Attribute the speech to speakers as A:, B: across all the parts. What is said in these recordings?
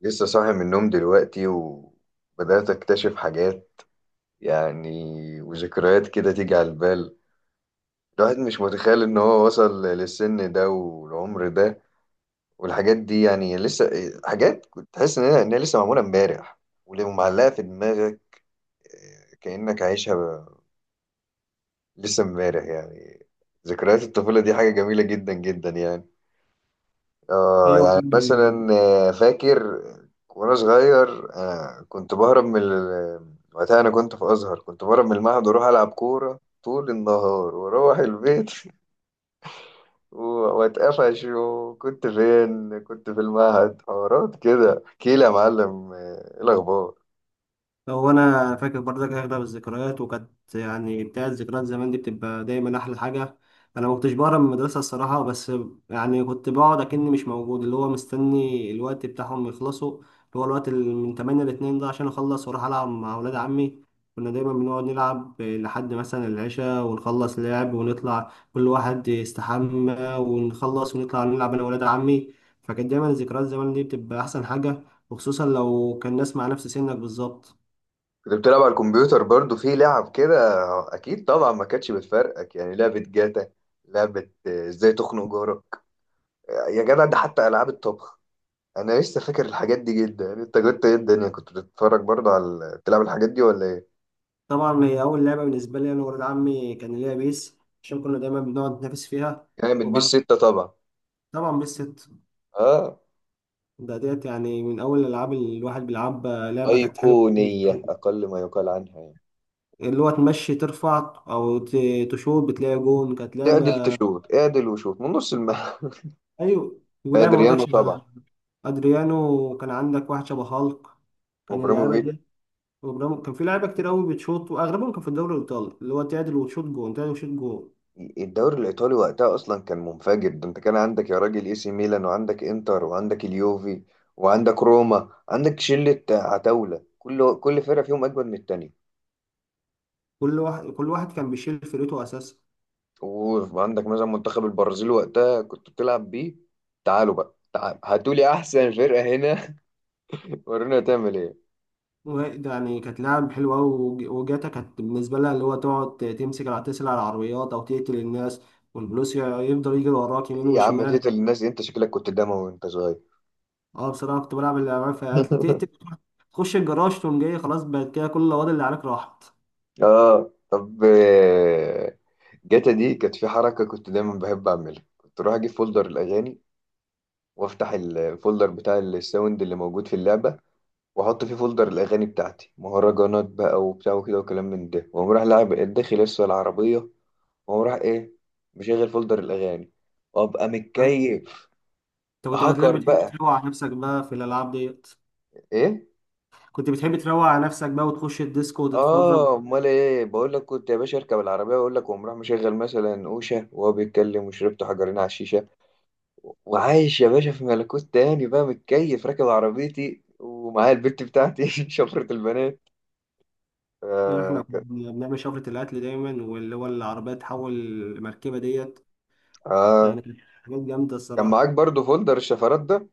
A: لسه صاحي من النوم دلوقتي وبدأت أكتشف حاجات. يعني وذكريات كده تيجي على البال. الواحد مش متخيل إن هو وصل للسن ده والعمر ده والحاجات دي يعني لسه حاجات كنت تحس إن هي لسه معمولة إمبارح ومعلقة في دماغك، كأنك عايشها لسه إمبارح يعني. ذكريات الطفولة دي حاجة جميلة جدا جدا يعني. اه
B: ايوه،
A: يعني
B: في.
A: مثلا فاكر وانا صغير، كنت بهرب وقتها انا كنت في ازهر، كنت بهرب من المعهد واروح العب كوره طول النهار واروح البيت و- واتقفش، وكنت فين؟ كنت في المعهد. حوارات كده، احكيلي يا معلم، ايه الاخبار؟
B: هو انا فاكر برضك اغلب الذكريات، وكانت يعني بتاعت ذكريات زمان دي بتبقى دايما احلى حاجه. انا ما كنتش بقرا من المدرسه الصراحه، بس يعني كنت بقعد اكني مش موجود، اللي هو مستني الوقت بتاعهم يخلصوا، اللي هو الوقت اللي من 8 ل 2 ده عشان اخلص واروح العب مع اولاد عمي. كنا دايما بنقعد نلعب لحد مثلا العشاء، ونخلص لعب ونطلع كل واحد يستحمى، ونخلص ونطلع نلعب انا واولاد عمي. فكانت دايما ذكريات زمان دي بتبقى احسن حاجه، وخصوصا لو كان ناس مع نفس سنك بالظبط.
A: كنت بتلعب على الكمبيوتر برضو في لعب كده؟ اكيد طبعا، ما كانتش بتفرقك يعني لعبه جاتا، لعبه ازاي تخنق جارك، يا جدع، ده حتى العاب الطبخ انا لسه فاكر الحاجات دي جدا. يعني انت كنت ايه؟ الدنيا كنت بتتفرج برضه بتلعب الحاجات دي ولا ايه؟
B: طبعا هي أول لعبة بالنسبة لي أنا وولاد عمي كان ليها بيس، عشان كنا دايما بنقعد نتنافس فيها.
A: يعني بتبيس
B: وبرضه
A: ستة طبعا.
B: طبعا بيس ست،
A: اه،
B: ده ديت يعني من أول الألعاب اللي الواحد بيلعبها، لعبة كانت حلوة بالنسبة
A: ايقونية
B: لي.
A: اقل ما يقال عنها يعني.
B: اللي هو تمشي ترفع أو تشوط بتلاقي جون، كانت
A: اعدل
B: لعبة.
A: تشوت، اعدل وشوت من نص الملعب.
B: أيوة، ولعبة برضك
A: بادريانو طبعا،
B: شبه أدريانو. وكان عندك واحد شبه هالك كان اللعبة
A: وابراهيموفيتش.
B: دي. كان في لعيبة كتير قوي بتشوط، وأغلبهم كان في الدوري الإيطالي، اللي هو تعدل وتشوط جون، تعدل وتشوط جون.
A: الدوري الايطالي وقتها اصلا كان منفجر. ده انت كان عندك يا راجل اي سي ميلان، وعندك انتر، وعندك اليوفي، وعندك روما، عندك شلة عتاولة، كل فرقة فيهم اجمد من التانية.
B: كل واحد كان بيشيل فريقه أساسا.
A: وعندك مثلا منتخب البرازيل وقتها كنت بتلعب بيه. تعالوا بقى، تعالوا هاتوا لي احسن فرقه هنا. ورونا تعمل ايه؟
B: يعني كانت لعب حلوة أوي. وجاتا كانت بالنسبة لها اللي هو تقعد تمسك على تسرق العربيات أو تقتل الناس، والبلوس يفضل يجري وراك يمين
A: إيه يا عم
B: وشمال.
A: تقتل الناس دي؟ انت شكلك كنت دموي وانت صغير.
B: أه، بصراحة كنت بلعب اللعبة فيها تقتل، تخش الجراج تقوم جاي خلاص بقت كده كل الأوض اللي عليك راحت.
A: اه طب جاتا دي كانت في حركه كنت دايما بحب اعملها. كنت اروح اجيب فولدر الاغاني، وافتح الفولدر بتاع الساوند اللي موجود في اللعبه، واحط فيه فولدر الاغاني بتاعتي، مهرجانات بقى وبتاع وكده وكلام من ده، واقوم رايح لاعب داخل لسه العربيه، وهو راح ايه؟ مشغل فولدر الاغاني، وابقى
B: أنت
A: متكيف.
B: كنت بتلاقيك
A: هاكر
B: بتحب
A: بقى.
B: تروق على نفسك بقى في الألعاب ديت،
A: ايه؟
B: كنت بتحب تروق على نفسك بقى وتخش الديسكو وتتفرج.
A: اه، امال ايه؟ بقول لك كنت يا باشا اركب العربيه واقول لك، وقوم راح مشغل مثلا اوشه وهو بيتكلم، وشربت حجرين على الشيشه، وعايش يا باشا في ملكوت تاني، بقى متكيف راكب عربيتي ومعايا البت بتاعتي. شفرة البنات،
B: احنا كنا
A: آه كان.
B: بنعمل شفرة القتل دايما، واللي هو العربية تحول المركبة ديت،
A: اه،
B: يعني كانت حاجات جامدة
A: كان معاك
B: الصراحة.
A: برضو فولدر الشفرات ده.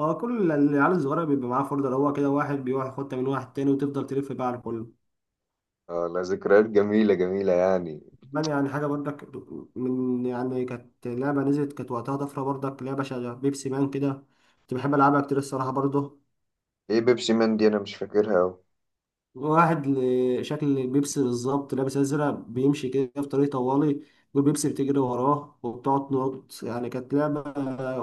B: هو كل العيال الصغيرة بيبقى معاه فولدر، هو كده واحد بيروح ياخدها من واحد تاني وتفضل تلف بقى على كله.
A: اه، لا ذكريات جميله جميله يعني.
B: كمان يعني حاجة برضك، من يعني كانت لعبة نزلت كانت وقتها طفرة برضك، لعبة شغالة بيبسي مان كده. كنت بحب ألعبها كتير الصراحة برضه.
A: ايه بيبسي مان دي؟ انا مش فاكرها أوي.
B: واحد شكل البيبسي بالظبط لابس أزرق بيمشي كده في طريق طوالي، والبيبسي بتجري وراه وبتقعد تنط، يعني كانت لعبة.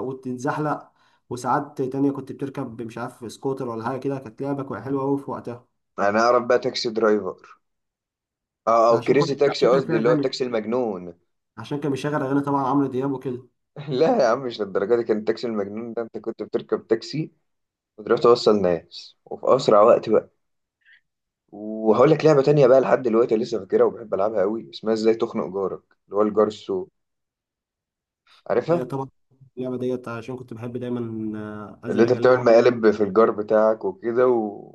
B: وتتزحلق. وساعات تانية كنت بتركب مش عارف سكوتر ولا حاجة كده، كانت لعبة حلوة أوي في وقتها.
A: انا اعرف بقى تاكسي درايفر، اه او كريزي تاكسي
B: عشان كان
A: قصدي،
B: فيها
A: اللي هو
B: غني،
A: التاكسي المجنون.
B: عشان كان بيشغل اغاني طبعا عمرو دياب وكده.
A: لا يا عم مش للدرجه دي. كان التاكسي المجنون ده انت كنت بتركب تاكسي وتروح توصل ناس وفي اسرع وقت بقى. وهقول لك لعبه تانية بقى لحد دلوقتي لسه فاكرها وبحب العبها قوي، اسمها ازاي تخنق جارك، اللي هو الجار السوء.
B: هي
A: عارفها؟
B: طبعا اللعبه ديت عشان كنت بحب دايما
A: اللي انت
B: ازعج، يعني
A: بتعمل
B: لو
A: مقالب في الجار بتاعك وكده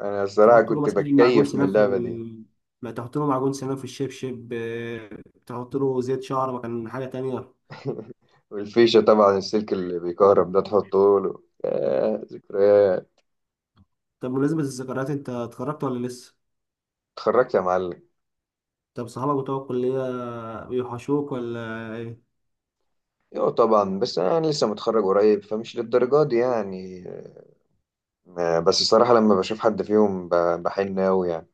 A: انا الصراحه
B: تحط له
A: كنت
B: مثلا معجون
A: بتكيف من
B: سنان في
A: اللعبه دي.
B: ال، ما تحط له معجون سنان في الشبشب، تحط له زيت شعر، ما كان حاجه تانية.
A: والفيشه طبعا، السلك اللي بيكهرب ده تحطه له. يا ذكريات.
B: طب بمناسبة الذكريات، انت اتخرجت ولا لسه؟
A: اتخرجت يا معلم.
B: طب صحابك بتوع الكلية بيوحشوك ولا ايه؟
A: ايوه طبعا، بس انا لسه متخرج قريب فمش للدرجه دي يعني. بس الصراحه لما بشوف حد فيهم بحن قوي يعني.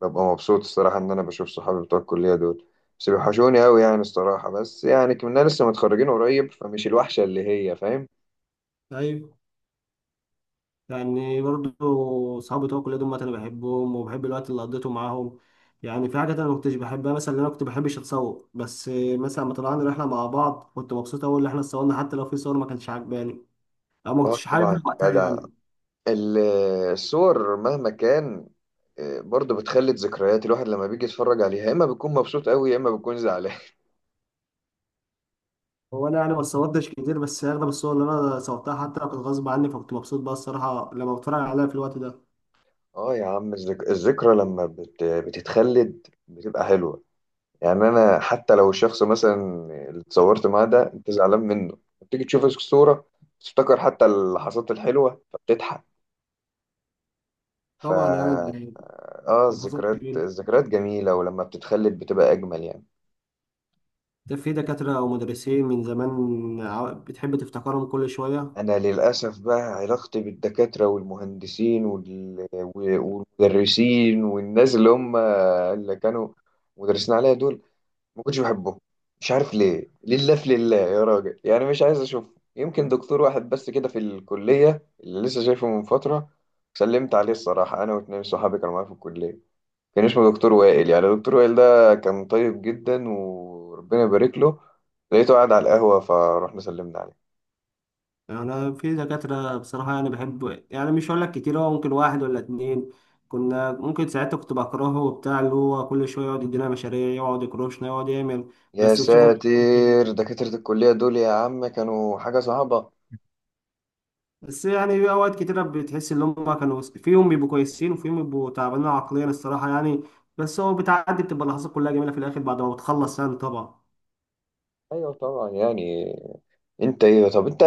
A: ببقى مبسوط الصراحه ان انا بشوف صحابي بتوع الكليه دول. بس بيوحشوني قوي يعني الصراحه، بس يعني كنا لسه متخرجين قريب فمش الوحشه اللي هي فاهم.
B: طيب. يعني برضو صحابي بتوع الكلية دول أنا بحبهم وبحب الوقت اللي قضيته معاهم. يعني في حاجات أنا ما كنتش بحبها، مثلا إن أنا كنت بحبش أتصور، بس مثلا لما طلعنا رحلة مع بعض كنت مبسوط أوي إن إحنا اتصورنا، حتى لو في صور ما كانتش عجباني أو ما
A: اه
B: كنتش
A: طبعا
B: حاببها
A: يا
B: وقتها
A: جدع.
B: يعني.
A: ال- الصور مهما كان برضه بتخلد ذكريات الواحد. لما بيجي يتفرج عليها يا اما بيكون مبسوط قوي يا اما بيكون زعلان.
B: هو أنا يعني ما اتصورتش كتير، بس أغلب الصور اللي أنا صورتها حتى لو كانت غصب عني، فكنت مبسوط بقى الصراحة لما بتفرج عليها في الوقت ده.
A: اه يا عم، الذكرى لما بتتخلد بتبقى حلوه يعني. انا حتى لو الشخص مثلا اللي اتصورت معاه ده انت زعلان منه، بتيجي تشوف الصورة تفتكر حتى اللحظات الحلوة فبتضحك. فا
B: طبعا يعني ده
A: اه،
B: ده حصل
A: الذكريات
B: جميل.
A: الذكريات جميلة، ولما بتتخلد بتبقى أجمل يعني.
B: ده في دكاترة أو مدرسين من زمان بتحب تفتكرهم كل شوية.
A: أنا للأسف بقى علاقتي بالدكاترة والمهندسين والمدرسين والناس اللي هم اللي كانوا مدرسين عليا دول ما كنتش بحبه. مش عارف ليه، لله في لله يا راجل يعني مش عايز اشوفه. يمكن دكتور واحد بس كده في الكلية اللي لسه شايفه من فترة، سلمت عليه الصراحة أنا واتنين صحابي كانوا معايا في الكلية. كان اسمه دكتور وائل، يعني دكتور وائل ده كان طيب جدا وربنا يبارك له. لقيته قاعد على القهوة فروحنا سلمنا عليه.
B: انا في دكاترة بصراحة يعني بحب، يعني مش هقول لك كتير، هو ممكن واحد ولا اتنين كنا ممكن ساعتها كنت بكرهه وبتاع، اللي هو كل شوية يقعد يدينا مشاريع، يقعد يكروشنا، يقعد يعمل،
A: يا
B: بس بتشوفه كتير.
A: ساتر، دكاترة الكلية دول يا عم كانوا حاجة صعبة.
B: بس يعني في اوقات كتيرة بتحس ان هم كانوا، فيهم بيبقوا كويسين وفيهم بيبقوا تعبانين عقليا الصراحة يعني. بس هو بتعدي بتبقى اللحظات كلها جميلة في الاخر بعد ما بتخلص يعني طبعا.
A: أيوة طبعا يعني. انت ايه؟ طب انت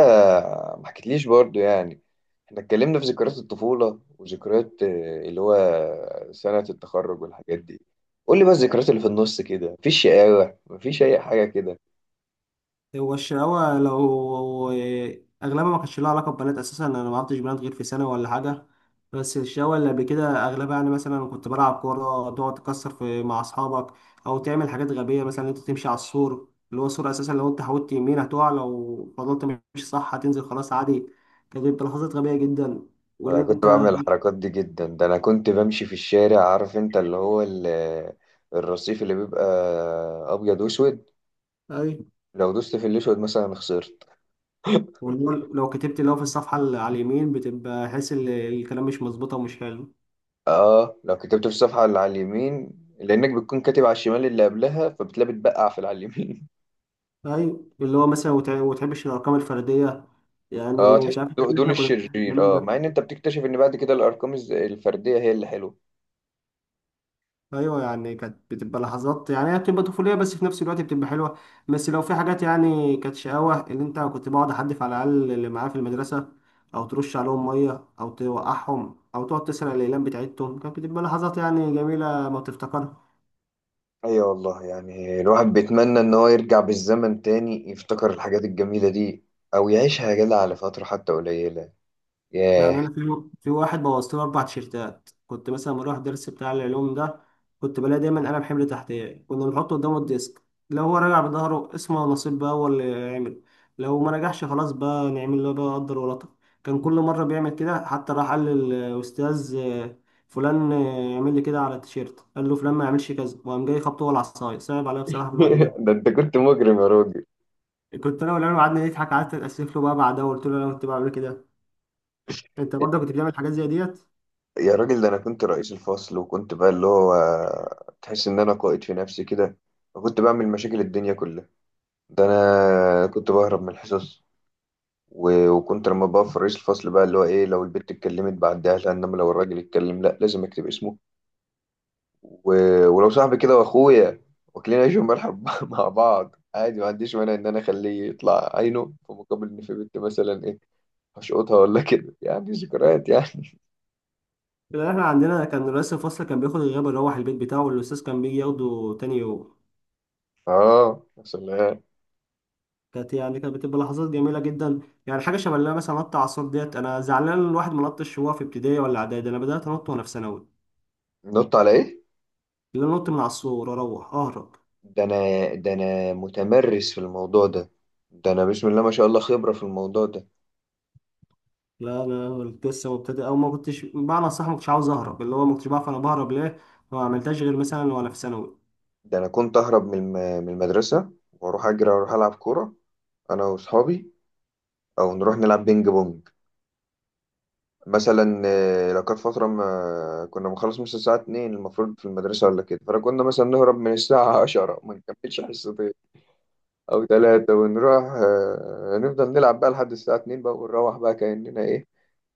A: ما حكيتليش برضو يعني. احنا اتكلمنا في ذكريات الطفولة وذكريات اللي هو سنة التخرج والحاجات دي. قول لي بقى الذكريات اللي في النص كده، مفيش شقاوة؟ مفيش اي حاجة كده؟
B: هو الشقاوة، لو أغلبها ما كانش لها علاقة ببنات أساسا، أنا ما عرفتش بنات غير في سنة ولا حاجة. بس الشقاوة اللي قبل كده أغلبها يعني، مثلا كنت بلعب كورة تقعد تكسر في مع أصحابك، أو تعمل حاجات غبية، مثلا أنت تمشي على السور، اللي هو السور أساسا لو أنت حاولت يمين هتقع، لو فضلت ماشي صح هتنزل خلاص عادي. كانت بتبقى لحظات غبية جدا. واللي
A: انا كنت
B: أنت.
A: بعمل الحركات دي جدا. ده انا كنت بمشي في الشارع، عارف انت اللي هو الرصيف اللي بيبقى ابيض واسود،
B: أي.
A: لو دوست في الاسود مثلا خسرت.
B: واللي هو لو كتبت اللي هو في الصفحة اللي على اليمين بتبقى حاسس إن الكلام مش مظبوط ومش حلو.
A: اه، لو كتبت في الصفحة اللي على اليمين، لانك بتكون كاتب على الشمال اللي قبلها فبتلاقي بتبقع في اللي على اليمين.
B: ايوه، اللي هو مثلا وتحبش الارقام الفرديه
A: اه
B: يعني.
A: تحس
B: مش عارف إن
A: دول
B: احنا كنا بنحب
A: الشرير.
B: اليومين
A: اه، مع
B: دول.
A: ان انت بتكتشف ان بعد كده الارقام الفرديه هي اللي حلوه.
B: ايوه يعني كانت بتبقى لحظات، يعني هي بتبقى طفوليه بس في نفس الوقت بتبقى حلوه. بس لو في حاجات يعني كانت شقاوه، اللي انت كنت بقعد احدف على الاقل اللي معاه في المدرسه، او ترش عليهم ميه، او توقعهم، او تقعد تسرق الاقلام بتاعتهم، كانت بتبقى لحظات يعني جميله ما بتفتكرها.
A: ايوه والله، يعني الواحد بيتمنى ان هو يرجع بالزمن تاني يفتكر الحاجات الجميلة دي، او يعيشها يا جدع على فترة حتى قليلة.
B: يعني
A: ياه.
B: انا في واحد بوظت له 4 تيشيرتات، كنت مثلا بروح درس بتاع العلوم ده كنت بلاقي دايما قلم حمل تحتيه، كنا بنحطه قدامه الديسك، لو هو راجع بظهره اسمه نصيب بقى هو اللي يعمل، لو ما رجعش خلاص بقى نعمل له بقى قدر ولطف. كان كل مره بيعمل كده، حتى راح قال للاستاذ فلان يعمل لي كده على التيشيرت. قال له فلان ما يعملش كذا، وقام جاي خبطه هو العصايه، صعب عليا بصراحه في الوقت ده.
A: ده انت كنت مجرم يا راجل.
B: كنت انا والعيال قعدنا نضحك، قعدت اتاسف له بقى بعدها وقلت له انا كنت بعمل كده. انت برضه كنت بتعمل حاجات زي ديت؟
A: يا راجل ده انا كنت رئيس الفصل، وكنت بقى اللي هو تحس ان انا قائد في نفسي كده، وكنت بعمل مشاكل الدنيا كلها. ده انا كنت بهرب من الحصص. وكنت لما بقى في رئيس الفصل، بقى اللي هو ايه، لو البت اتكلمت بعديها لها، انما لو الراجل اتكلم لا لازم اكتب اسمه. و... ولو صاحبي كده واخويا واكلين عيش وملح مع بعض عادي ما عنديش مانع ان انا اخليه يطلع عينه، في مقابل ان في بنت مثلا ايه هشقطها ولا كده، يعني ذكريات يعني.
B: لا، احنا عندنا كان رئيس الفصل كان بياخد الغياب يروح البيت بتاعه، والاستاذ كان بيجي ياخده تاني يوم.
A: اه يا سلام.
B: كانت بتبقى لحظات جميله جدا. يعني حاجه شبه اللي أنا مثلا نط عصور ديت، انا زعلان ان الواحد ما نطش وهو في ابتدائي ولا اعدادي، انا بدات انط وانا في ثانوي.
A: نط على ايه؟
B: اللي أنا نط من عصور، اروح اهرب.
A: ده انا ده انا متمرس في الموضوع ده. ده انا بسم الله ما شاء الله خبرة في الموضوع ده.
B: لا انا لسه مبتدئ، او ما كنتش بمعنى صح، ما كنتش عاوز اهرب، اللي هو ما كنتش بعرف انا بهرب ليه. ما عملتهاش غير مثلا وانا في ثانوي.
A: ده انا كنت اهرب من من المدرسه، واروح اجري واروح العب كوره انا واصحابي، او نروح نلعب بينج بونج مثلا. لو كانت فتره ما كنا بنخلص مثلا الساعه 2 المفروض في المدرسه ولا كده، فكنا مثلا نهرب من الساعه 10، ما نكملش حصتين او ثلاثه، ونروح نفضل نلعب بقى لحد الساعه 2 بقى، ونروح بقى كاننا ايه،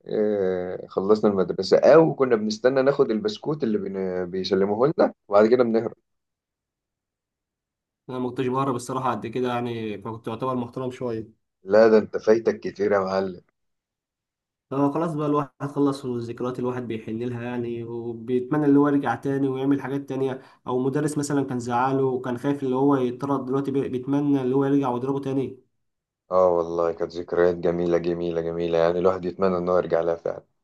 A: خلصنا المدرسة. أو كنا بنستنى ناخد البسكوت اللي بيسلموه لنا وبعد كده بنهرب.
B: انا ما كنتش بهرب الصراحه قد كده، يعني فكنت اعتبر محترم شويه.
A: لا ده أنت فايتك كتير يا معلم.
B: هو خلاص بقى الواحد خلص، والذكريات الواحد بيحن لها يعني، وبيتمنى اللي هو يرجع تاني ويعمل حاجات تانية، أو مدرس مثلا كان زعله وكان خايف اللي هو يتطرد، دلوقتي بيتمنى اللي هو يرجع ويضربه تاني.
A: اه والله كانت ذكريات جميلة جميلة جميلة يعني، الواحد يتمنى انه يرجع لها فعلا.